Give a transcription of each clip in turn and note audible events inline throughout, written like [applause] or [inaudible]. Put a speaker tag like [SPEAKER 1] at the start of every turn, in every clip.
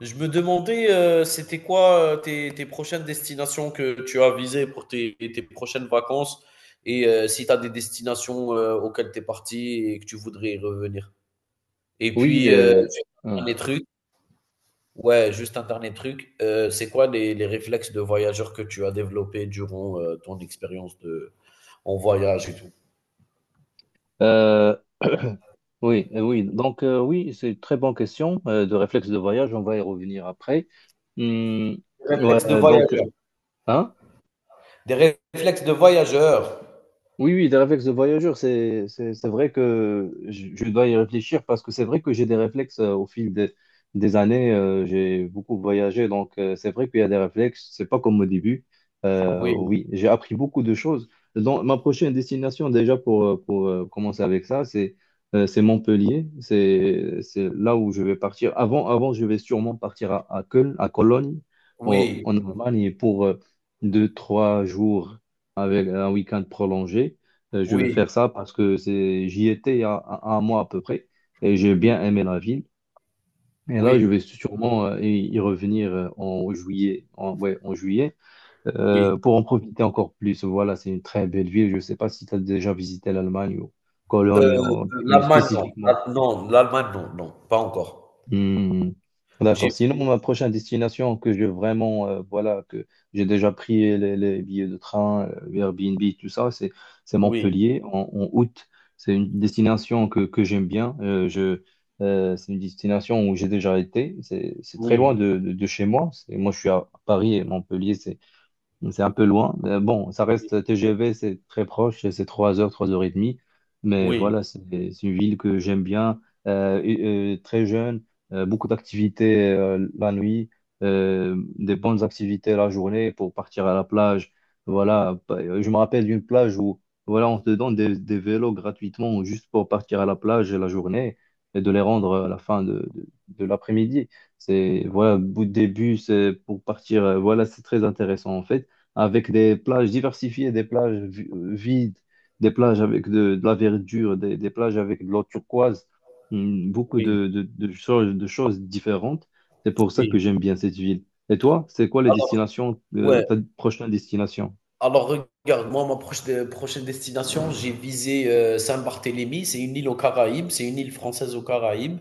[SPEAKER 1] Je me demandais, c'était quoi tes prochaines destinations que tu as visées pour tes prochaines vacances et si tu as des destinations auxquelles tu es parti et que tu voudrais y revenir. Et
[SPEAKER 2] Oui,
[SPEAKER 1] puis, un
[SPEAKER 2] hein.
[SPEAKER 1] dernier truc, ouais, juste un dernier truc, c'est quoi les réflexes de voyageur que tu as développés durant ton expérience de, en voyage et tout?
[SPEAKER 2] Euh, oui, oui. Donc oui, c'est une très bonne question de réflexe de voyage. On va y revenir après. Hum,
[SPEAKER 1] Des réflexes de
[SPEAKER 2] ouais, donc,
[SPEAKER 1] voyageur.
[SPEAKER 2] hein?
[SPEAKER 1] Réflexes de voyageur.
[SPEAKER 2] Oui, oui, des réflexes de voyageur, c'est vrai que je dois y réfléchir parce que c'est vrai que j'ai des réflexes au fil des années. J'ai beaucoup voyagé, donc c'est vrai qu'il y a des réflexes. C'est pas comme au début.
[SPEAKER 1] Oui,
[SPEAKER 2] Oui, j'ai appris beaucoup de choses. Donc, ma prochaine destination, déjà pour, commencer avec ça, c'est Montpellier. C'est là où je vais partir. Avant, je vais sûrement partir à Köln, à Cologne,
[SPEAKER 1] oui,
[SPEAKER 2] en Allemagne, pour deux, trois jours avec un week-end prolongé. Je vais
[SPEAKER 1] oui,
[SPEAKER 2] faire ça parce que c'est, j'y étais il y a un mois à peu près et j'ai
[SPEAKER 1] oui,
[SPEAKER 2] bien aimé la ville. Et là, je
[SPEAKER 1] oui,
[SPEAKER 2] vais sûrement y revenir en juillet, ouais, en juillet
[SPEAKER 1] oui.
[SPEAKER 2] pour en profiter encore plus. Voilà, c'est une très belle ville. Je ne sais pas si tu as déjà visité l'Allemagne ou Cologne
[SPEAKER 1] Heu,
[SPEAKER 2] plus
[SPEAKER 1] L'Allemagne, non.
[SPEAKER 2] spécifiquement.
[SPEAKER 1] La non, L'Allemagne, non, non, pas encore.
[SPEAKER 2] Hmm.
[SPEAKER 1] J'ai
[SPEAKER 2] D'accord. Sinon,
[SPEAKER 1] fait
[SPEAKER 2] ma prochaine destination que je vraiment, voilà, que j'ai déjà pris les billets de train, Airbnb, tout ça, c'est
[SPEAKER 1] Oui,
[SPEAKER 2] Montpellier en août. C'est une destination que j'aime bien. C'est une destination où j'ai déjà été. C'est très loin
[SPEAKER 1] oui,
[SPEAKER 2] de chez moi. Moi, je suis à Paris et Montpellier, c'est un peu loin. Mais bon, ça
[SPEAKER 1] oui,
[SPEAKER 2] reste TGV, c'est très proche, c'est 3 heures et demie. Mais
[SPEAKER 1] oui,
[SPEAKER 2] voilà, c'est une ville que j'aime bien, très jeune, beaucoup d'activités la nuit, des bonnes activités la journée pour partir à la plage. Voilà, je me rappelle d'une plage où voilà, on te donne des vélos gratuitement juste pour partir à la plage la journée et de les rendre à la fin de l'après-midi. C'est voilà, bout de début, c'est pour partir. Voilà, c'est très intéressant en fait avec des plages diversifiées, vides, des plages avec de la verdure, des plages avec de l'eau turquoise, beaucoup
[SPEAKER 1] oui,
[SPEAKER 2] de choses différentes. C'est pour ça que
[SPEAKER 1] oui.
[SPEAKER 2] j'aime bien cette ville. Et toi, c'est quoi les
[SPEAKER 1] Alors
[SPEAKER 2] destinations,
[SPEAKER 1] ouais,
[SPEAKER 2] ta prochaine destination?
[SPEAKER 1] alors regarde, moi, ma proche de prochaine destination, j'ai visé, Saint-Barthélemy. C'est une île aux Caraïbes, c'est une île française aux Caraïbes,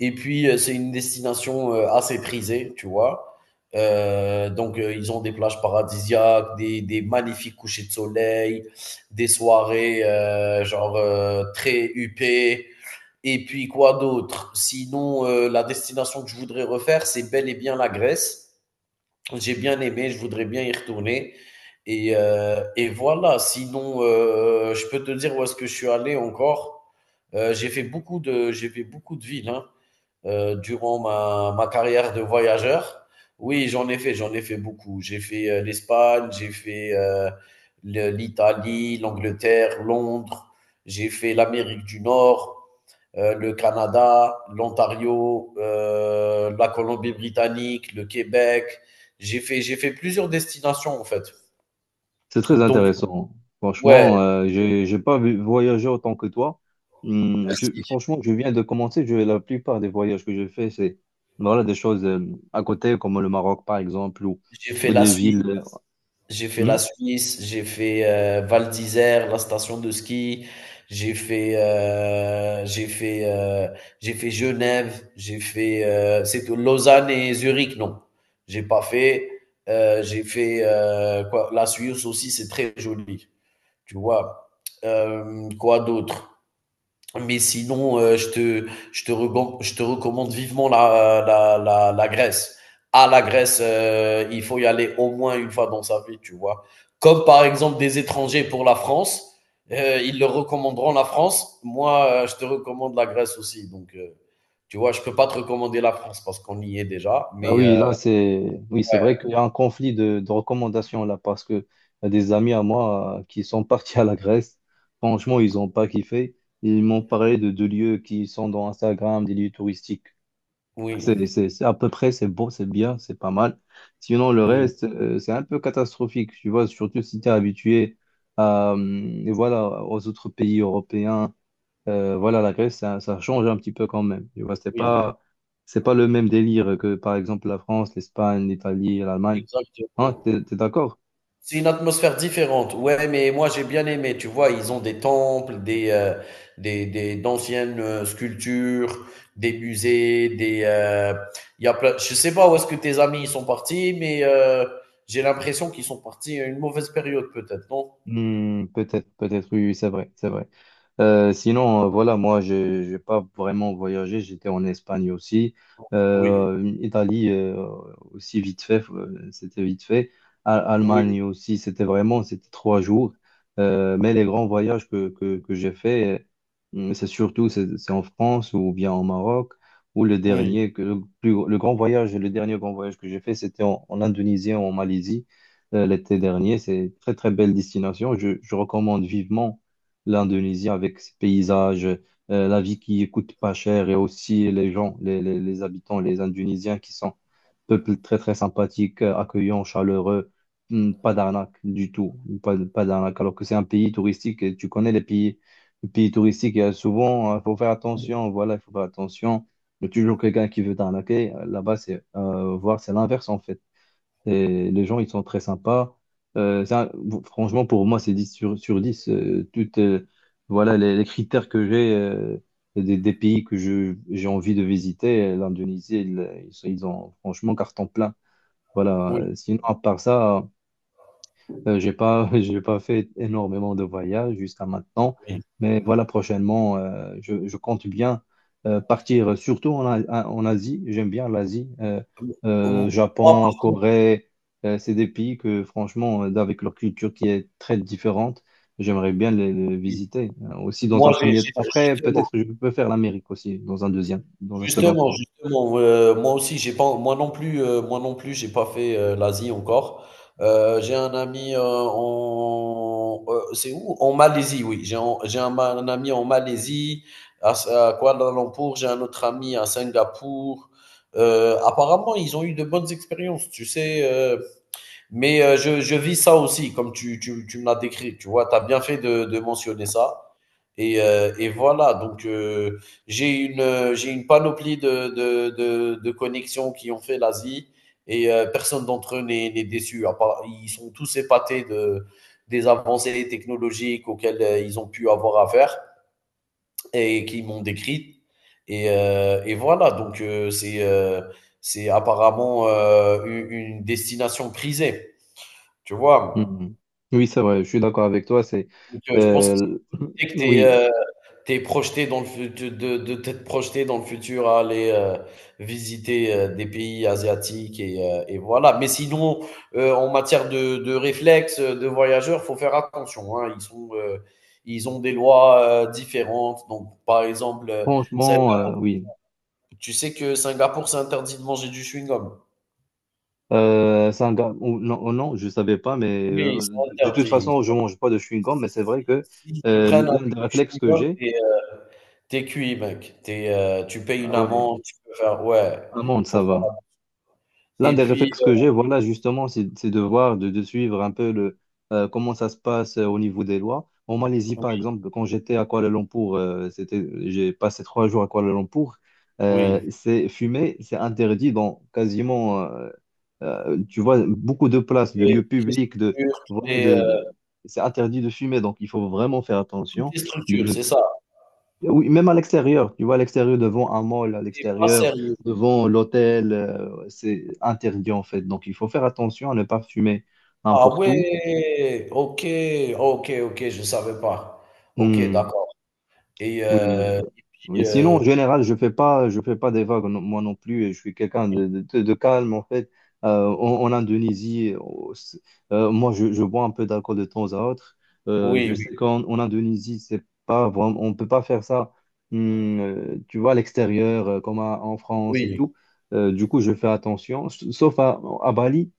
[SPEAKER 1] et puis, c'est une destination, assez prisée, tu vois? Donc ils ont des plages paradisiaques, des magnifiques couchers de soleil, des soirées, genre, très huppées. Et puis quoi d'autre? Sinon, la destination que je voudrais refaire, c'est bel et bien la Grèce. J'ai bien aimé, je voudrais bien y retourner. Et voilà, sinon, je peux te dire où est-ce que je suis allé encore. J'ai fait beaucoup de villes hein, durant ma carrière de voyageur. Oui, j'en ai fait beaucoup. J'ai fait l'Espagne, j'ai fait l'Italie, l'Angleterre, Londres, j'ai fait l'Amérique du Nord, le Canada, l'Ontario, la Colombie-Britannique, le Québec. J'ai fait plusieurs destinations en fait.
[SPEAKER 2] C'est très
[SPEAKER 1] Donc,
[SPEAKER 2] intéressant.
[SPEAKER 1] ouais,
[SPEAKER 2] Franchement, j'ai pas voyagé autant que toi.
[SPEAKER 1] merci.
[SPEAKER 2] Franchement, je viens de commencer. La plupart des voyages que je fais, c'est voilà, des choses à côté, comme le Maroc, par exemple,
[SPEAKER 1] J'ai fait
[SPEAKER 2] ou
[SPEAKER 1] la
[SPEAKER 2] des villes.
[SPEAKER 1] Suisse, j'ai fait
[SPEAKER 2] Hmm,
[SPEAKER 1] la Suisse, j'ai fait Val d'Isère, la station de ski. J'ai fait, euh, j'ai fait, euh, j'ai fait Genève, j'ai fait, c'est tout, Lausanne et Zurich, non, j'ai pas fait. J'ai fait quoi, la Suisse aussi, c'est très joli. Tu vois? Quoi d'autre? Mais sinon, je te recommande vivement la Grèce. À la Grèce, il faut y aller au moins une fois dans sa vie, tu vois. Comme par exemple des étrangers pour la France, ils leur recommanderont la France. Moi, je te recommande la Grèce aussi. Donc, tu vois, je peux pas te recommander la France parce qu'on y est déjà.
[SPEAKER 2] Ah
[SPEAKER 1] Mais
[SPEAKER 2] oui, là, c'est oui, c'est
[SPEAKER 1] ouais,
[SPEAKER 2] vrai qu'il y a un conflit de recommandations là parce que y a des amis à moi qui sont [laughs] partis à la Grèce. Franchement, ils n'ont pas kiffé. Ils m'ont parlé de deux lieux qui sont dans Instagram, des lieux touristiques. C'est
[SPEAKER 1] oui,
[SPEAKER 2] c'est- c'est à peu près, c'est beau, c'est bien, c'est pas mal. Sinon, le
[SPEAKER 1] oui,
[SPEAKER 2] reste, c'est un peu catastrophique, tu vois, surtout si tu es habitué à, voilà, aux autres pays européens. Voilà, la Grèce, ça change un petit peu quand même. Tu vois,
[SPEAKER 1] oui,
[SPEAKER 2] c'est pas le même délire que, par exemple, la France, l'Espagne, l'Italie, l'Allemagne. Hein,
[SPEAKER 1] exactement.
[SPEAKER 2] t'es d'accord?
[SPEAKER 1] C'est une atmosphère différente. Ouais, mais moi j'ai bien aimé. Tu vois, ils ont des temples, des d'anciennes sculptures, des musées, des. Il y a plein. Je sais pas où est-ce que tes amis ils sont partis, mais j'ai l'impression qu'ils sont partis à une mauvaise période peut-être, non?
[SPEAKER 2] Hmm, peut-être, peut-être, oui, oui, c'est vrai, c'est vrai. Sinon, voilà, moi, je n'ai pas vraiment voyagé. J'étais en Espagne aussi.
[SPEAKER 1] Oui,
[SPEAKER 2] Italie aussi, vite fait, c'était vite fait.
[SPEAKER 1] oui,
[SPEAKER 2] Allemagne aussi, c'était vraiment, c'était trois jours. Mais les grands voyages que j'ai fait, c'est surtout c'est en France ou bien au Maroc, ou le
[SPEAKER 1] oui,
[SPEAKER 2] dernier, le grand voyage, le dernier grand voyage que j'ai fait, c'était en Indonésie, en Malaisie l'été dernier. C'est une très, très belle destination. Je recommande vivement l'Indonésie avec ses paysages, la vie qui coûte pas cher et aussi les gens, les habitants, les Indonésiens qui sont peuple très, très sympathique, accueillant, chaleureux. Hmm, pas d'arnaque du tout, pas d'arnaque. Alors que c'est un pays touristique et tu connais les pays touristiques, il y a souvent, il faut faire attention, voilà, il faut faire attention. Il y a toujours quelqu'un qui veut t'arnaquer. Là-bas, c'est voir, c'est l'inverse en fait. Et les gens, ils sont très sympas. Ça, bon, franchement, pour moi, c'est 10 sur 10. Toutes, voilà, les critères que j'ai des pays que j'ai envie de visiter, l'Indonésie, ils ont franchement carton plein. Voilà.
[SPEAKER 1] oui,
[SPEAKER 2] Sinon, à part ça, j'ai pas, [laughs] j'ai pas fait énormément de voyages jusqu'à maintenant, mais voilà, prochainement, je compte bien partir, surtout en, en Asie. J'aime bien l'Asie,
[SPEAKER 1] oui. Moi par
[SPEAKER 2] Japon,
[SPEAKER 1] contre,
[SPEAKER 2] Corée. C'est des pays que, franchement, avec leur culture qui est très différente, j'aimerais bien les
[SPEAKER 1] oui.
[SPEAKER 2] visiter aussi dans
[SPEAKER 1] Moi
[SPEAKER 2] un premier temps.
[SPEAKER 1] j'ai
[SPEAKER 2] Après,
[SPEAKER 1] justement
[SPEAKER 2] peut-être que je peux faire l'Amérique aussi dans un deuxième, dans un second
[SPEAKER 1] Justement,
[SPEAKER 2] temps.
[SPEAKER 1] justement, moi aussi, j'ai pas moi non plus, moi non plus, j'ai pas fait, l'Asie encore. J'ai un ami, c'est où? En Malaisie, oui, j'ai un ami en Malaisie, à Kuala Lumpur, j'ai un autre ami à Singapour. Apparemment, ils ont eu de bonnes expériences, tu sais, heu mais je vis ça aussi, comme tu me l'as décrit. Tu vois, tu as bien fait de mentionner ça. Et voilà, donc j'ai une panoplie de connexions qui ont fait l'Asie et personne d'entre eux n'est déçu. À part, ils sont tous épatés de, des avancées technologiques auxquelles ils ont pu avoir affaire et qui m'ont décrite. Et voilà, donc c'est apparemment une destination prisée, tu vois.
[SPEAKER 2] Mhm. Oui, c'est vrai, je suis d'accord avec toi. C'est
[SPEAKER 1] Donc, je pense que c'est
[SPEAKER 2] euh,
[SPEAKER 1] une bonne
[SPEAKER 2] [clears throat]
[SPEAKER 1] idée que tu
[SPEAKER 2] oui,
[SPEAKER 1] aies, projeté dans le fut de t'être projeté dans le futur à aller, visiter, des pays asiatiques et voilà. Mais sinon, en matière de réflexes, de voyageurs, faut faire attention, hein. Ils sont, ils ont des lois, différentes. Donc par exemple, Singa
[SPEAKER 2] franchement, oui.
[SPEAKER 1] tu sais que Singapour, c'est interdit de manger du chewing-gum?
[SPEAKER 2] C'est un gars- ou non, je savais pas, mais
[SPEAKER 1] Oui, c'est
[SPEAKER 2] de toute
[SPEAKER 1] interdit.
[SPEAKER 2] façon, je mange pas de chewing-gum, mais c'est
[SPEAKER 1] S
[SPEAKER 2] vrai que
[SPEAKER 1] S'ils te prennent
[SPEAKER 2] l'un
[SPEAKER 1] avec
[SPEAKER 2] des
[SPEAKER 1] du
[SPEAKER 2] réflexes que
[SPEAKER 1] chewing-gum,
[SPEAKER 2] j'ai,
[SPEAKER 1] t'es cuit, mec. Tu payes une
[SPEAKER 2] ah ouais,
[SPEAKER 1] amende, tu peux faire ouais,
[SPEAKER 2] amande, ça
[SPEAKER 1] pour faire
[SPEAKER 2] va. L'un
[SPEAKER 1] et
[SPEAKER 2] des
[SPEAKER 1] puis,
[SPEAKER 2] réflexes que j'ai, voilà, justement, c'est de voir, de suivre un peu le, comment ça se passe au niveau des lois. En Malaisie, par
[SPEAKER 1] oui,
[SPEAKER 2] exemple, quand j'étais à Kuala Lumpur, c'était, j'ai passé trois jours à Kuala Lumpur,
[SPEAKER 1] oui,
[SPEAKER 2] c'est fumer, c'est interdit dans quasiment, tu vois, beaucoup de places, de lieux
[SPEAKER 1] toutes les
[SPEAKER 2] publics, de,
[SPEAKER 1] structures,
[SPEAKER 2] voilà, c'est interdit de fumer, donc il faut vraiment faire
[SPEAKER 1] toutes
[SPEAKER 2] attention.
[SPEAKER 1] les structures,
[SPEAKER 2] De,
[SPEAKER 1] c'est ça.
[SPEAKER 2] oui, même à l'extérieur, tu vois, à l'extérieur, devant un mall, à
[SPEAKER 1] T'es pas
[SPEAKER 2] l'extérieur,
[SPEAKER 1] sérieux.
[SPEAKER 2] devant l'hôtel, c'est interdit en fait. Donc, il faut faire attention à ne pas fumer
[SPEAKER 1] Ah
[SPEAKER 2] n'importe où.
[SPEAKER 1] ouais! OK, OK, OK, je savais pas. OK,
[SPEAKER 2] Hmm.
[SPEAKER 1] d'accord. et
[SPEAKER 2] Oui,
[SPEAKER 1] heu et puis,
[SPEAKER 2] oui. Sinon,
[SPEAKER 1] heu,
[SPEAKER 2] en général, je fais pas des vagues, non- moi non plus. Et je suis quelqu'un de, de calme, en fait. En Indonésie, je bois un peu d'alcool de temps à autre. Je
[SPEAKER 1] oui, oui,
[SPEAKER 2] sais qu'en en Indonésie, c'est pas vraiment, on peut pas faire ça, tu vois, à l'extérieur, en France
[SPEAKER 1] oui,
[SPEAKER 2] et
[SPEAKER 1] oui,
[SPEAKER 2] tout. Du coup, je fais attention, sauf à Bali.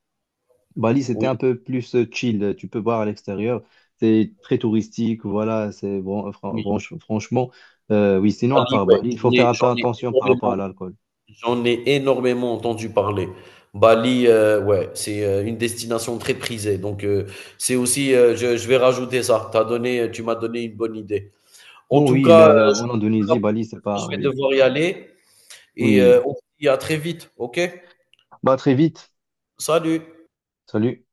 [SPEAKER 2] Bali, c'était
[SPEAKER 1] oui,
[SPEAKER 2] un peu plus chill. Tu peux voir à l'extérieur. C'est très touristique. Voilà, c'est bon. Fran-
[SPEAKER 1] oui.
[SPEAKER 2] franch- franchement, oui, sinon, à
[SPEAKER 1] Bali,
[SPEAKER 2] part
[SPEAKER 1] ouais,
[SPEAKER 2] Bali, il faut faire un peu
[SPEAKER 1] j'en ai
[SPEAKER 2] attention par rapport à
[SPEAKER 1] énormément,
[SPEAKER 2] l'alcool.
[SPEAKER 1] j'en ai énormément entendu parler. Bali, ouais, c'est une destination très prisée. Donc, c'est aussi, je vais rajouter ça. T'as donné, tu m'as donné une bonne idée. En
[SPEAKER 2] Non,
[SPEAKER 1] tout
[SPEAKER 2] oui,
[SPEAKER 1] cas,
[SPEAKER 2] mais en
[SPEAKER 1] je
[SPEAKER 2] Indonésie, Bali, c'est pas.
[SPEAKER 1] je vais
[SPEAKER 2] Oui.
[SPEAKER 1] devoir y aller et
[SPEAKER 2] Oui.
[SPEAKER 1] on se dit à très vite. OK?
[SPEAKER 2] Bah, très vite.
[SPEAKER 1] Salut.
[SPEAKER 2] Salut.